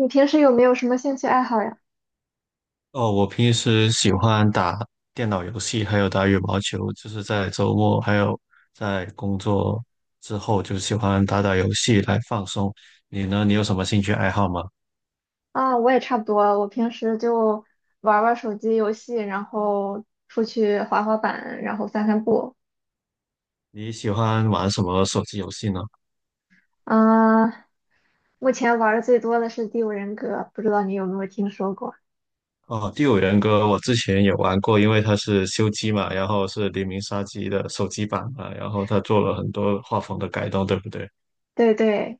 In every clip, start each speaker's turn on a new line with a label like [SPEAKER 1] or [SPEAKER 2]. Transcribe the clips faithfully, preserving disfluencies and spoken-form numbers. [SPEAKER 1] 你平时有没有什么兴趣爱好呀？
[SPEAKER 2] 哦，我平时喜欢打电脑游戏，还有打羽毛球，就是在周末还有在工作之后，就喜欢打打游戏来放松。你呢？你有什么兴趣爱好吗？
[SPEAKER 1] 啊，我也差不多，我平时就玩儿玩儿手机游戏，然后出去滑滑板，然后散散步。
[SPEAKER 2] 你喜欢玩什么手机游戏呢？
[SPEAKER 1] 嗯，目前玩的最多的是《第五人格》，不知道你有没有听说过？
[SPEAKER 2] 哦，《第五人格》我之前也玩过，因为它是修机嘛，然后是黎明杀机的手机版嘛，然后它做了很多画风的改动，对不对？
[SPEAKER 1] 对对，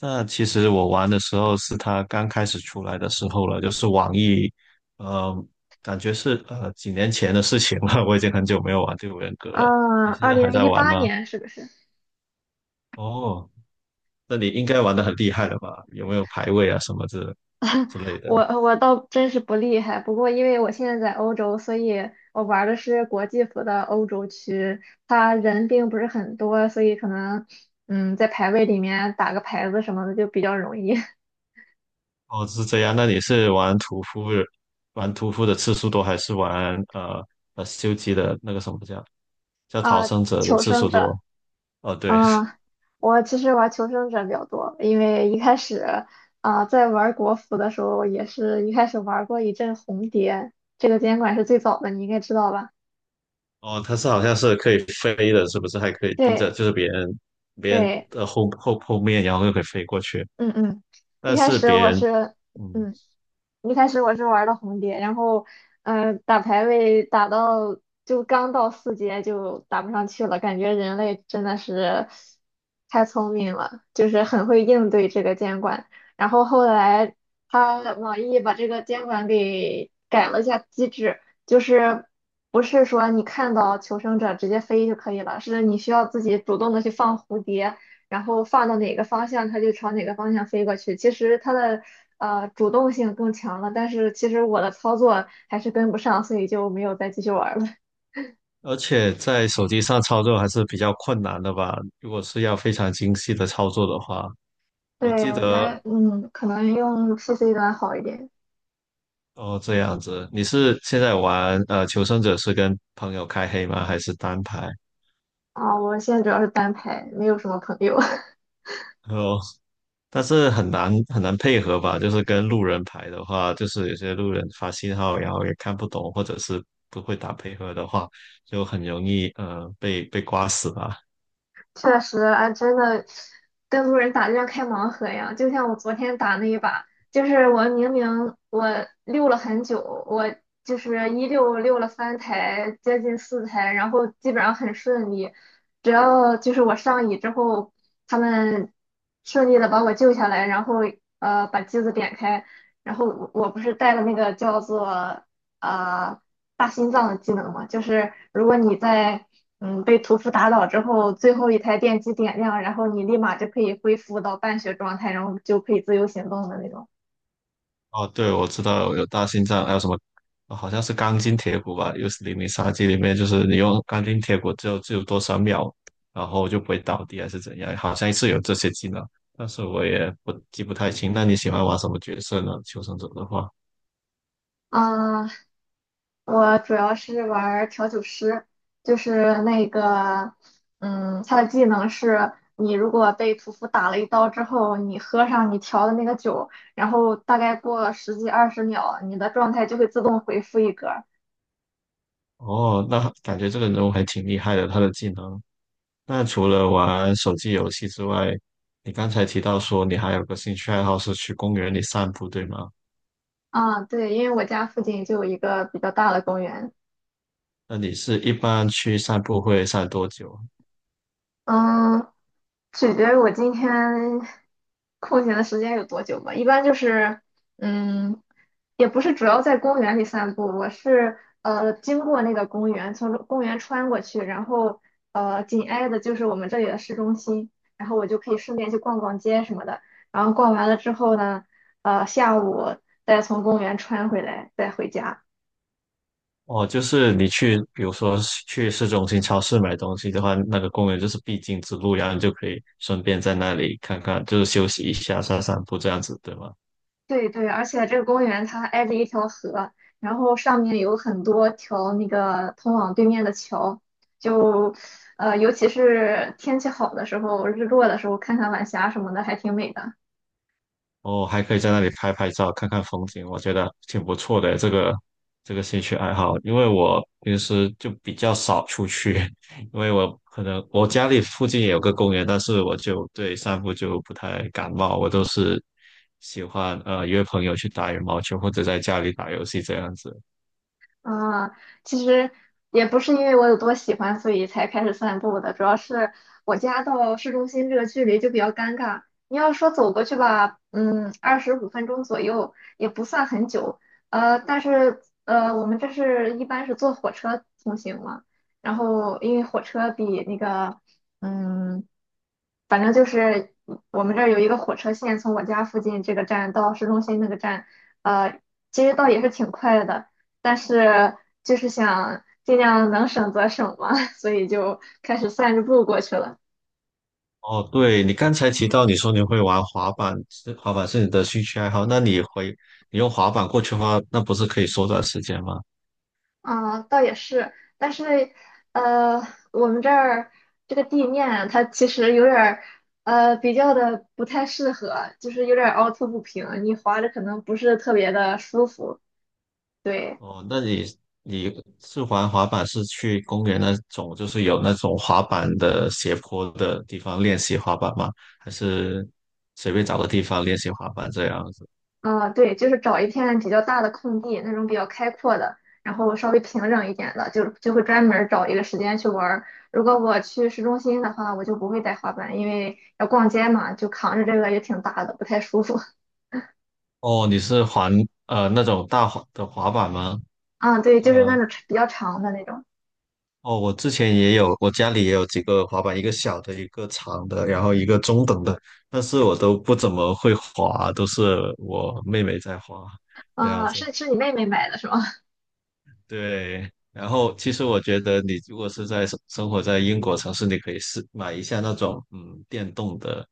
[SPEAKER 2] 那其实我玩的时候是他刚开始出来的时候了，就是网易，呃，感觉是呃几年前的事情了，我已经很久没有玩《第五人格》了。
[SPEAKER 1] 啊，
[SPEAKER 2] 你现
[SPEAKER 1] 二
[SPEAKER 2] 在还
[SPEAKER 1] 零
[SPEAKER 2] 在
[SPEAKER 1] 一
[SPEAKER 2] 玩
[SPEAKER 1] 八
[SPEAKER 2] 吗？
[SPEAKER 1] 年是不是？
[SPEAKER 2] 哦，那你应该玩的很厉害了吧？有没有排位啊什么之之类的？
[SPEAKER 1] 我我倒真是不厉害，不过因为我现在在欧洲，所以我玩儿的是国际服的欧洲区，他人并不是很多，所以可能嗯在排位里面打个牌子什么的就比较容易
[SPEAKER 2] 哦，是这样。那你是玩屠夫，玩屠夫的次数多，还是玩呃呃修机的那个什么叫 叫逃
[SPEAKER 1] 啊。
[SPEAKER 2] 生者的
[SPEAKER 1] 求
[SPEAKER 2] 次
[SPEAKER 1] 生
[SPEAKER 2] 数
[SPEAKER 1] 者，
[SPEAKER 2] 多？哦，对，
[SPEAKER 1] 啊，我其实玩求生者比较多，因为一开始啊在玩国服的时候也是一开始玩过一阵红蝶，这个监管是最早的，你应该知道吧？
[SPEAKER 2] 哦，它是好像是可以飞的，是不是？还可以盯着，
[SPEAKER 1] 对
[SPEAKER 2] 就是别人别人
[SPEAKER 1] 对，
[SPEAKER 2] 的后后后面，然后又可以飞过去。
[SPEAKER 1] 嗯嗯，
[SPEAKER 2] 但
[SPEAKER 1] 一开
[SPEAKER 2] 是
[SPEAKER 1] 始
[SPEAKER 2] 别
[SPEAKER 1] 我
[SPEAKER 2] 人，
[SPEAKER 1] 是。
[SPEAKER 2] 嗯，
[SPEAKER 1] 嗯。一开始我是玩的红蝶，然后，嗯、打排位打到就刚到四阶就打不上去了，感觉人类真的是太聪明了，就是很会应对这个监管。然后后来他网易把这个监管给改了一下机制，就是不是说你看到求生者直接飞就可以了，是你需要自己主动的去放蝴蝶，然后放到哪个方向，它就朝哪个方向飞过去。其实它的呃主动性更强了，但是其实我的操作还是跟不上，所以就没有再继续玩了。
[SPEAKER 2] 而且在手机上操作还是比较困难的吧？如果是要非常精细的操作的话，
[SPEAKER 1] 对，
[SPEAKER 2] 我记
[SPEAKER 1] 我觉
[SPEAKER 2] 得
[SPEAKER 1] 得嗯，可能用 P C 端好一点
[SPEAKER 2] 哦，这样子。你是现在玩呃《求生者》是跟朋友开黑吗？还是单排？
[SPEAKER 1] 啊。我现在主要是单排，没有什么朋友。
[SPEAKER 2] 哦，但是很难很难配合吧，就是跟路人排的话，就是有些路人发信号，然后也看不懂，或者是不会打配合的话，就很容易呃被被刮死吧。
[SPEAKER 1] 确实，哎，真的跟路人打就像开盲盒一样。就像我昨天打那一把，就是我明明我溜了很久，我就是一溜溜了三台，接近四台，然后基本上很顺利。只要就是我上椅之后，他们顺利的把我救下来，然后呃把机子点开，然后我我不是带了那个叫做呃大心脏的技能嘛，就是如果你在嗯被屠夫打倒之后，最后一台电机点亮，然后你立马就可以恢复到半血状态，然后就可以自由行动的那种。
[SPEAKER 2] 哦，对，我知道有大心脏，还有什么，哦好像是钢筋铁骨吧，又是零零杀机里面，就是你用钢筋铁骨只有只有多少秒，然后就不会倒地还是怎样，好像是有这些技能，但是我也不记不太清。那你喜欢玩什么角色呢？求生者的话。
[SPEAKER 1] 嗯，我主要是玩调酒师，就是那个嗯，他的技能是。你如果被屠夫打了一刀之后，你喝上你调的那个酒，然后大概过了十几二十秒，你的状态就会自动回复一格。
[SPEAKER 2] 哦，那感觉这个人物还挺厉害的，他的技能。那除了玩手机游戏之外，你刚才提到说你还有个兴趣爱好是去公园里散步，对吗？
[SPEAKER 1] 啊，对，因为我家附近就有一个比较大的公园，
[SPEAKER 2] 那你是一般去散步会散多久啊？
[SPEAKER 1] 嗯，取决于我今天空闲的时间有多久吧。一般就是，嗯，也不是主要在公园里散步，我是呃经过那个公园，从公园穿过去，然后呃紧挨的就是我们这里的市中心，然后我就可以顺便去逛逛街什么的。然后逛完了之后呢，呃下午再从公园穿回来，再回家。
[SPEAKER 2] 哦，就是你去，比如说去市中心超市买东西的话，那个公园就是必经之路，然后你就可以顺便在那里看看，就是休息一下、散散步这样子，对吗？
[SPEAKER 1] 对对，而且这个公园它挨着一条河，然后上面有很多条那个通往对面的桥，就呃，尤其是天气好的时候，日落的时候看看晚霞什么的，还挺美的。
[SPEAKER 2] 哦，还可以在那里拍拍照，看看风景，我觉得挺不错的这个这个兴趣爱好。因为我平时就比较少出去，因为我可能我家里附近也有个公园，但是我就对散步就不太感冒，我都是喜欢呃约朋友去打羽毛球或者在家里打游戏这样子。
[SPEAKER 1] 啊，其实也不是因为我有多喜欢，所以才开始散步的。主要是我家到市中心这个距离就比较尴尬。你要说走过去吧，嗯，二十五分钟左右也不算很久。呃，但是呃，我们这是一般是坐火车通行嘛，然后因为火车比那个，嗯，反正就是我们这儿有一个火车线，从我家附近这个站到市中心那个站，呃，其实倒也是挺快的。但是就是想尽量能省则省嘛，所以就开始散着步过去了。
[SPEAKER 2] 哦，对，你刚才提到你说你会玩滑板，是滑板是你的兴趣爱好，那你回你用滑板过去的话，那不是可以缩短时间吗？
[SPEAKER 1] 啊、倒也是，但是呃，我们这儿这个地面它其实有点儿呃比较的不太适合，就是有点儿凹凸不平，你滑着可能不是特别的舒服。对。
[SPEAKER 2] 哦，那你你是玩滑板是去公园那种，就是有那种滑板的斜坡的地方练习滑板吗？还是随便找个地方练习滑板这样子？
[SPEAKER 1] 啊，对，就是找一片比较大的空地，那种比较开阔的，然后稍微平整一点的，就就会专门儿找一个时间去玩儿如果我去市中心的话，我就不会带滑板，因为要逛街嘛，就扛着这个也挺大的，不太舒服。
[SPEAKER 2] 哦，你是滑呃那种大滑的滑板吗？
[SPEAKER 1] 啊，对，就是那
[SPEAKER 2] 呃，
[SPEAKER 1] 种比较长的那种。
[SPEAKER 2] 哦，我之前也有，我家里也有几个滑板，一个小的，一个长的，然后一个中等的，但是我都不怎么会滑，都是我妹妹在滑，这样
[SPEAKER 1] 啊，
[SPEAKER 2] 子。
[SPEAKER 1] 是是你妹妹买的是吗？
[SPEAKER 2] 对，然后其实我觉得你如果是在生生活在英国城市，你可以试买一下那种嗯电动的，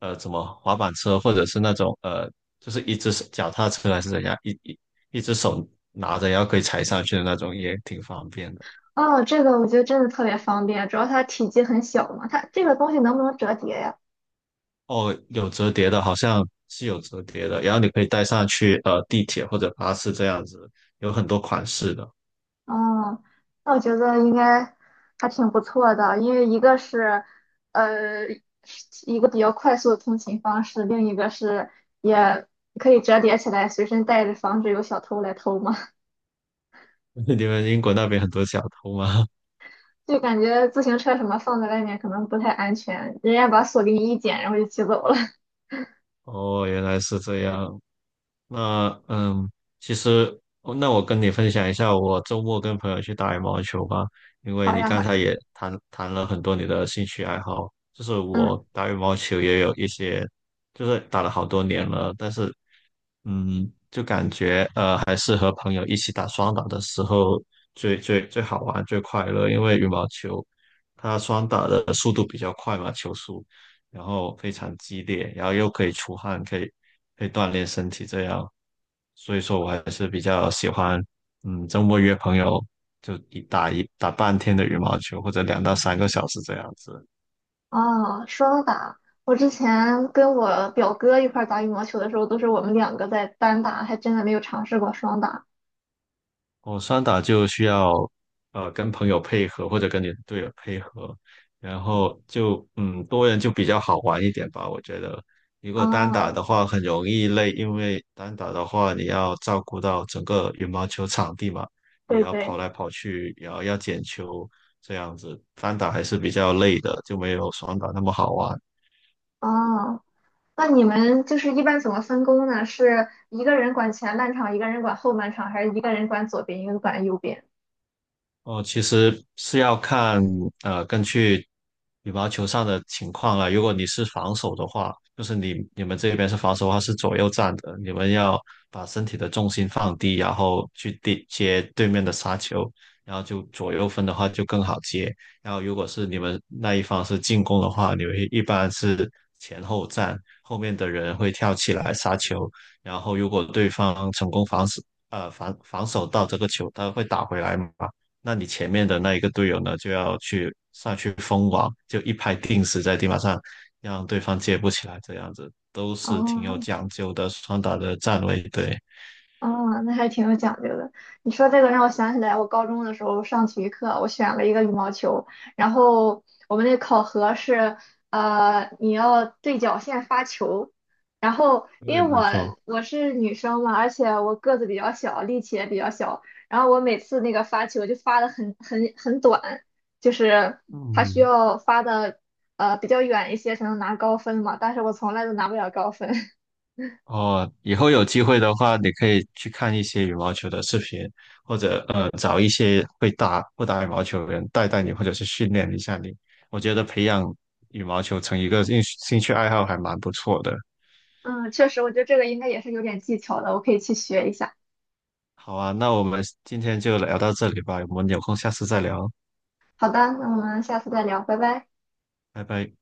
[SPEAKER 2] 呃，怎么滑板车，或者是那种呃，就是一只手脚踏车还是怎样，一一一只手拿着，然后可以踩上去的那种，也挺方便的。
[SPEAKER 1] 哦，这个我觉得真的特别方便，主要它体积很小嘛。它这个东西能不能折叠呀？
[SPEAKER 2] 哦，有折叠的，好像是有折叠的，然后你可以带上去呃地铁或者巴士这样子，有很多款式的。
[SPEAKER 1] 哦，那我觉得应该还挺不错的，因为一个是呃一个比较快速的通勤方式，另一个是也可以折叠起来随身带着，防止有小偷来偷嘛。
[SPEAKER 2] 你们英国那边很多小偷吗？
[SPEAKER 1] 就感觉自行车什么放在外面可能不太安全，人家把锁给你一剪，然后就骑走了。
[SPEAKER 2] 哦，原来是这样。那嗯，其实哦那我跟你分享一下，我周末跟朋友去打羽毛球吧。因 为
[SPEAKER 1] 好
[SPEAKER 2] 你
[SPEAKER 1] 呀，好
[SPEAKER 2] 刚才
[SPEAKER 1] 呀，
[SPEAKER 2] 也谈谈了很多你的兴趣爱好，就是
[SPEAKER 1] 嗯，
[SPEAKER 2] 我打羽毛球也有一些，就是打了好多年了，但是嗯，就感觉呃还是和朋友一起打双打的时候最最最好玩最快乐，因为羽毛球它双打的速度比较快嘛，球速，然后非常激烈，然后又可以出汗，可以可以锻炼身体这样。所以说我还是比较喜欢，嗯，周末约朋友就一打一打半天的羽毛球，或者两到三个小时这样子。
[SPEAKER 1] 哦，双打，我之前跟我表哥一块儿打羽毛球的时候，都是我们两个在单打，还真的没有尝试过双打。
[SPEAKER 2] 哦，双打就需要呃跟朋友配合或者跟你的队友配合，然后就嗯多人就比较好玩一点吧，我觉得。如果单打的
[SPEAKER 1] 哦，
[SPEAKER 2] 话很容易累，因为单打的话你要照顾到整个羽毛球场地嘛，你
[SPEAKER 1] 对
[SPEAKER 2] 要跑
[SPEAKER 1] 对。
[SPEAKER 2] 来跑去，然后要捡球，这样子单打还是比较累的，就没有双打那么好玩。
[SPEAKER 1] 哦，那你们就是一般怎么分工呢？是一个人管前半场，一个人管后半场，还是一个人管左边，一个人管右边？
[SPEAKER 2] 哦，其实是要看呃，根据羽毛球上的情况了。如果你是防守的话，就是你你们这边是防守的话是左右站的，你们要把身体的重心放低，然后去地接对面的杀球，然后就左右分的话就更好接。然后如果是你们那一方是进攻的话，你们一般是前后站，后面的人会跳起来杀球，然后如果对方成功防守呃防防守到这个球，他会打回来嘛。那你前面的那一个队友呢，就要去上去封网，就一拍定死在地板上，让对方接不起来，这样子都是挺有
[SPEAKER 1] 哦，
[SPEAKER 2] 讲究的双打的站位。对，
[SPEAKER 1] 哦，那还挺有讲究的。你说这个让我想起来，我高中的时候上体育课，我选了一个羽毛球，然后我们那考核是，呃，你要对角线发球，然后因
[SPEAKER 2] 对，
[SPEAKER 1] 为我
[SPEAKER 2] 没错。
[SPEAKER 1] 我是女生嘛，而且我个子比较小，力气也比较小，然后我每次那个发球就发的很很很短，就是它需
[SPEAKER 2] 嗯，
[SPEAKER 1] 要发的呃比较远一些才能拿高分嘛，但是我从来都拿不了高分。
[SPEAKER 2] 哦，以后有机会的话，你可以去看一些羽毛球的视频，或者呃找一些会打会打羽毛球的人带带你，或者是训练一下你。我觉得培养羽毛球成一个兴兴趣爱好还蛮不错的。
[SPEAKER 1] 嗯，确实，我觉得这个应该也是有点技巧的，我可以去学一下。
[SPEAKER 2] 好啊，那我们今天就聊到这里吧，我们有空下次再聊，
[SPEAKER 1] 好的，那我们下次再聊，拜拜。
[SPEAKER 2] 拜拜。